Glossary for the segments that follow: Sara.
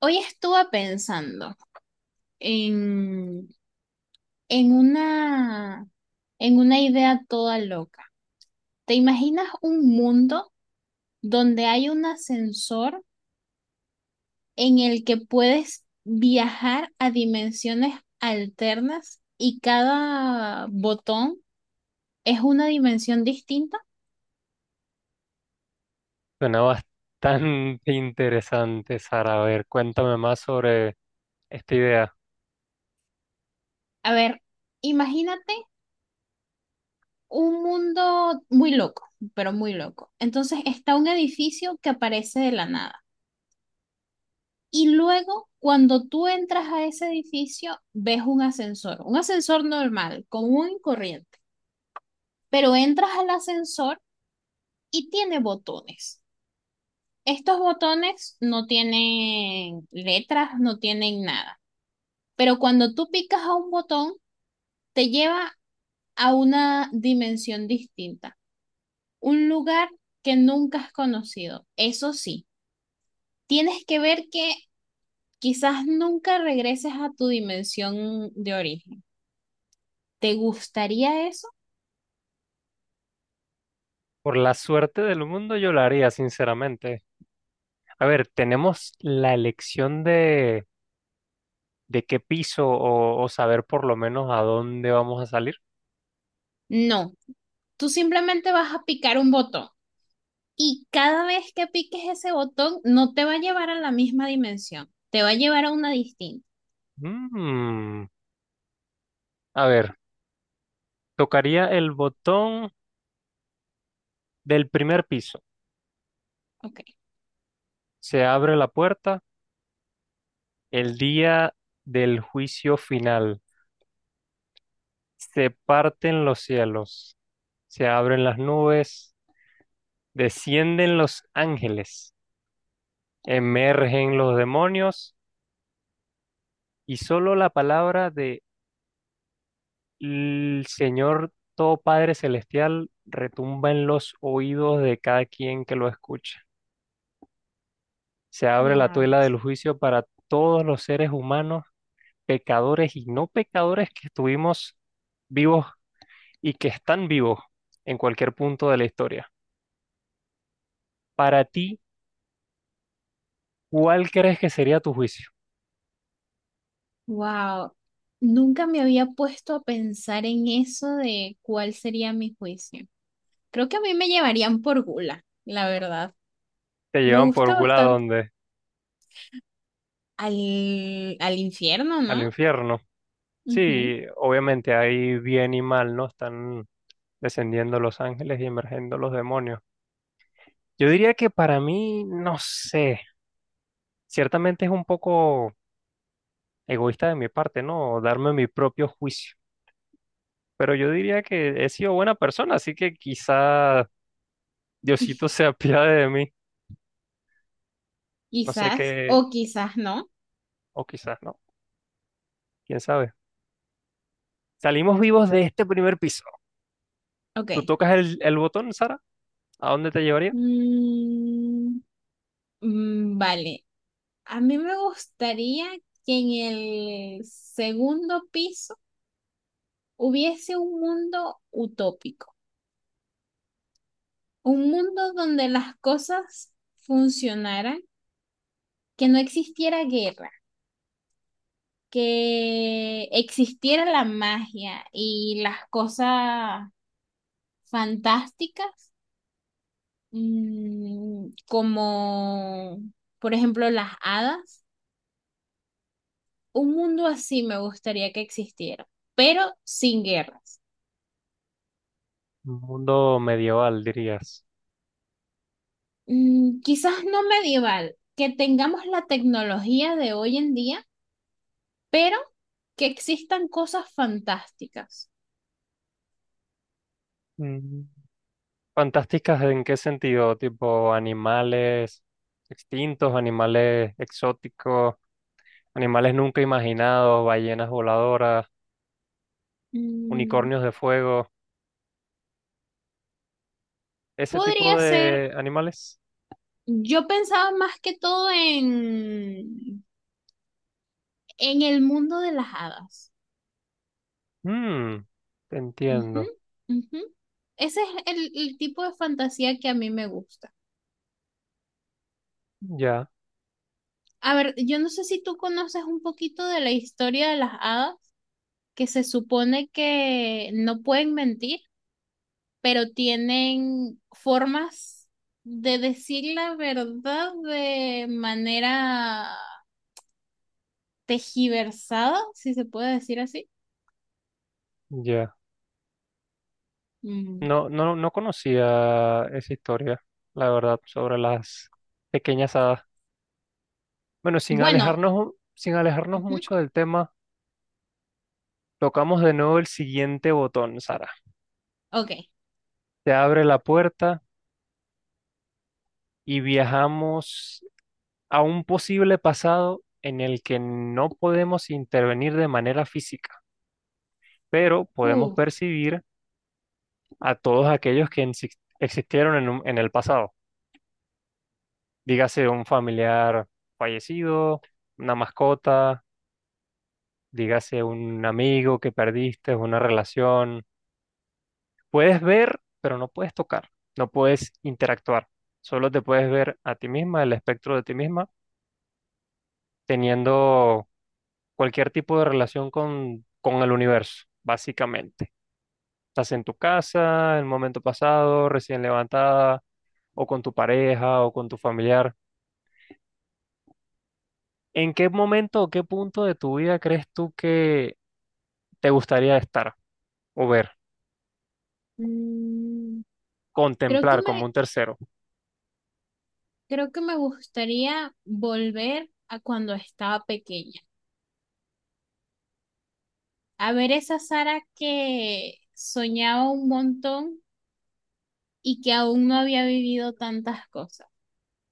Hoy estuve pensando en, en una, en una idea toda loca. ¿Te imaginas un mundo donde hay un ascensor en el que puedes viajar a dimensiones alternas y cada botón es una dimensión distinta? Suena bastante interesante, Sara. A ver, cuéntame más sobre esta idea. A ver, imagínate un mundo muy loco, pero muy loco. Entonces está un edificio que aparece de la nada. Y luego, cuando tú entras a ese edificio, ves un ascensor normal, común y corriente, pero entras al ascensor y tiene botones. Estos botones no tienen letras, no tienen nada, pero cuando tú picas a un botón, te lleva a una dimensión distinta, un lugar que nunca has conocido. Eso sí, tienes que ver que quizás nunca regreses a tu dimensión de origen. ¿Te gustaría eso? Por la suerte del mundo yo la haría, sinceramente. A ver, tenemos la elección de qué piso o saber por lo menos a dónde vamos a salir. No, tú simplemente vas a picar un botón y cada vez que piques ese botón no te va a llevar a la misma dimensión, te va a llevar a una distinta. Mm, A ver, tocaría el botón del primer piso. Ok, Se abre la puerta el día del juicio final. Se parten los cielos. Se abren las nubes. Descienden los ángeles, emergen los demonios y solo la palabra de el Señor Todo Padre Celestial retumba en los oídos de cada quien que lo escucha. Se abre la ya. tuela del juicio para todos los seres humanos, pecadores y no pecadores que estuvimos vivos y que están vivos en cualquier punto de la historia. Para ti, ¿cuál crees que sería tu juicio? Wow, nunca me había puesto a pensar en eso de cuál sería mi juicio. Creo que a mí me llevarían por gula, la verdad. ¿Te Me llevan por gusta gula a bastante. dónde? Al infierno, ¿Al ¿no? infierno? Ujú. Sí, obviamente hay bien y mal, ¿no? Están descendiendo los ángeles y emergiendo los demonios. Yo diría que para mí, no sé, ciertamente es un poco egoísta de mi parte, ¿no? Darme mi propio juicio. Pero yo diría que he sido buena persona, así que quizá Diosito se apiade de mí. No sé Quizás, o qué, quizás no. o quizás no, quién sabe. Salimos vivos de este primer piso. Ok. ¿Tú tocas el botón, Sara? ¿A dónde te llevaría? Mm, mm, vale, a mí me gustaría que en el segundo piso hubiese un mundo utópico, un mundo donde las cosas funcionaran, que no existiera guerra, que existiera la magia y las cosas fantásticas, como por ejemplo las hadas. Un mundo así me gustaría que existiera, pero sin guerras. Un mundo medieval, dirías. Mm, quizás no medieval, que tengamos la tecnología de hoy en día, pero que existan cosas fantásticas. Mm. ¿Fantásticas en qué sentido? Tipo animales extintos, animales exóticos, animales nunca imaginados, ballenas voladoras, Mm, unicornios de fuego, ese tipo podría ser, de animales. yo pensaba más que todo en el mundo de las hadas. Mm, te Ujú, entiendo. ujú. Ese es el tipo de fantasía que a mí me gusta. Ya, A ver, yo no sé si tú conoces un poquito de la historia de las hadas, que se supone que no pueden mentir pero tienen formas de decir la verdad de manera tejiversada, si se puede decir así. ya. Mm. No, no, no conocía esa historia, la verdad, sobre las pequeñas hadas. Bueno, sin Bueno, alejarnos, sin alejarnos ujú, mucho del tema, tocamos de nuevo el siguiente botón, Sara. ok. Te abre la puerta y viajamos a un posible pasado en el que no podemos intervenir de manera física, pero podemos Uf, percibir a todos aquellos que existieron en el pasado. Dígase un familiar fallecido, una mascota, dígase un amigo que perdiste, una relación. Puedes ver, pero no puedes tocar, no puedes interactuar. Solo te puedes ver a ti misma, el espectro de ti misma, teniendo cualquier tipo de relación con el universo, básicamente. Estás en tu casa, en el momento pasado, recién levantada, o con tu pareja, o con tu familiar. ¿En qué momento o qué punto de tu vida crees tú que te gustaría estar o ver, mm, creo que contemplar como me, un tercero? creo que me gustaría volver a cuando estaba pequeña, a ver esa Sara que soñaba un montón y que aún no había vivido tantas cosas.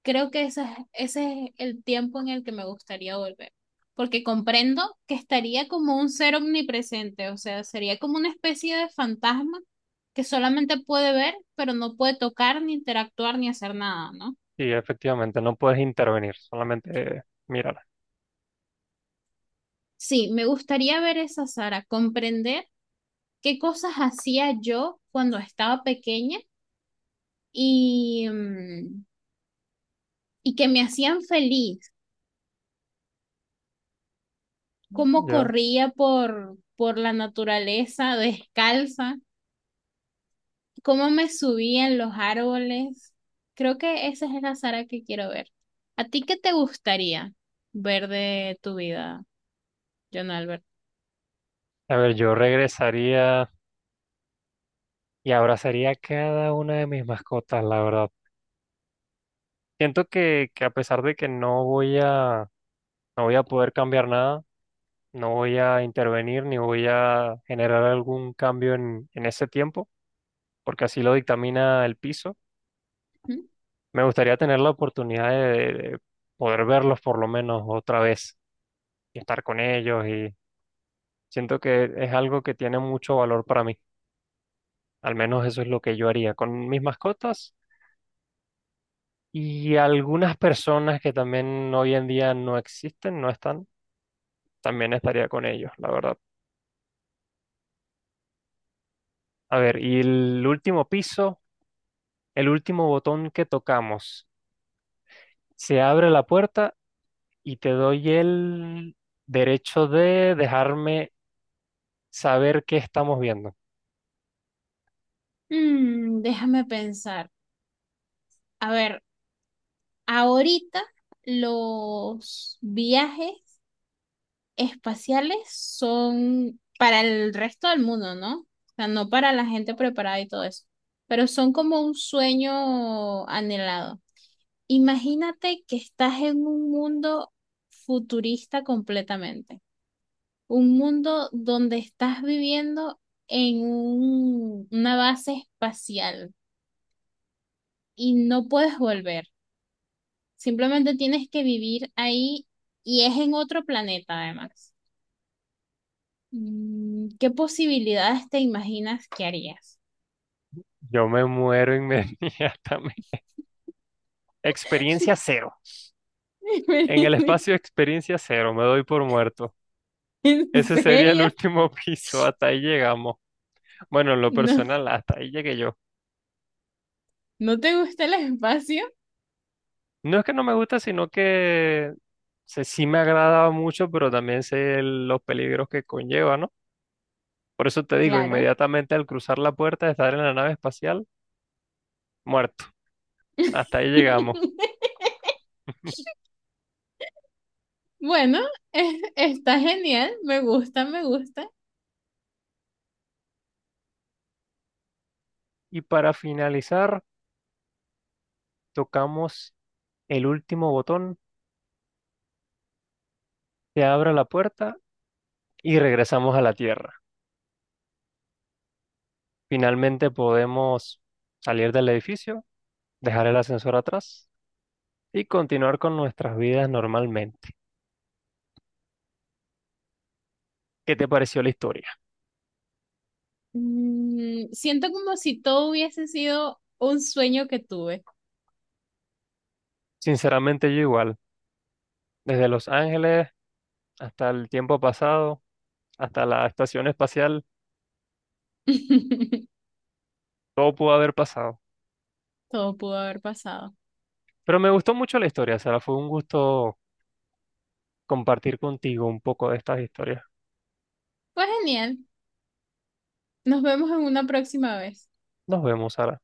Creo que ese es el tiempo en el que me gustaría volver, porque comprendo que estaría como un ser omnipresente, o sea, sería como una especie de fantasma que solamente puede ver, pero no puede tocar, ni interactuar, ni hacer nada, ¿no? Y efectivamente, no puedes intervenir, solamente mirar. Sí, me gustaría ver esa Sara, comprender qué cosas hacía yo cuando estaba pequeña y, y que me hacían feliz, cómo Yo, corría por la naturaleza descalza, cómo me subí en los árboles. Creo que esa es la Sara que quiero ver. ¿A ti qué te gustaría ver de tu vida, John Albert? a ver, yo regresaría y abrazaría a cada una de mis mascotas, la verdad. Siento que a pesar de que no voy a, no voy a poder cambiar nada, no voy a intervenir ni voy a generar algún cambio en ese tiempo, porque así lo dictamina el piso. ¿Mm? Me gustaría tener la oportunidad de, poder verlos por lo menos otra vez y estar con ellos, y siento que es algo que tiene mucho valor para mí. Al menos eso es lo que yo haría con mis mascotas y algunas personas que también hoy en día no existen, no están, también estaría con ellos, la verdad. A ver, y el último piso, el último botón que tocamos, se abre la puerta y te doy el derecho de dejarme saber qué estamos viendo. Mm, déjame pensar. A ver, ahorita los viajes espaciales son para el resto del mundo, ¿no? O sea, no para la gente preparada y todo eso, pero son como un sueño anhelado. Imagínate que estás en un mundo futurista completamente, un mundo donde estás viviendo en una base espacial y no puedes volver, simplemente tienes que vivir ahí y es en otro planeta además. Mm, ¿qué posibilidades te imaginas que harías? Yo me muero inmediatamente. Experiencia cero. En el espacio experiencia cero, me doy por muerto. ¿En Ese sería el serio? último piso, hasta ahí llegamos. Bueno, en lo ¿No, personal, hasta ahí llegué yo. no te gusta el espacio? No es que no me gusta, sino que sí me agradaba mucho, pero también sé los peligros que conlleva, ¿no? Por eso te digo, Claro. inmediatamente al cruzar la puerta de estar en la nave espacial, muerto. Hasta ahí llegamos. Bueno, eh, está genial, me gusta, me gusta. Y para finalizar, tocamos el último botón, se abre la puerta y regresamos a la Tierra. Finalmente podemos salir del edificio, dejar el ascensor atrás y continuar con nuestras vidas normalmente. ¿Qué te pareció la historia? Mm, siento como si todo hubiese sido un sueño que tuve. Sinceramente, yo igual, desde Los Ángeles hasta el tiempo pasado, hasta la estación espacial, todo pudo haber pasado. Todo pudo haber pasado. Pero me gustó mucho la historia, Sara. Fue un gusto compartir contigo un poco de estas historias. Pues genial, nos vemos en una próxima vez. Nos vemos, Sara.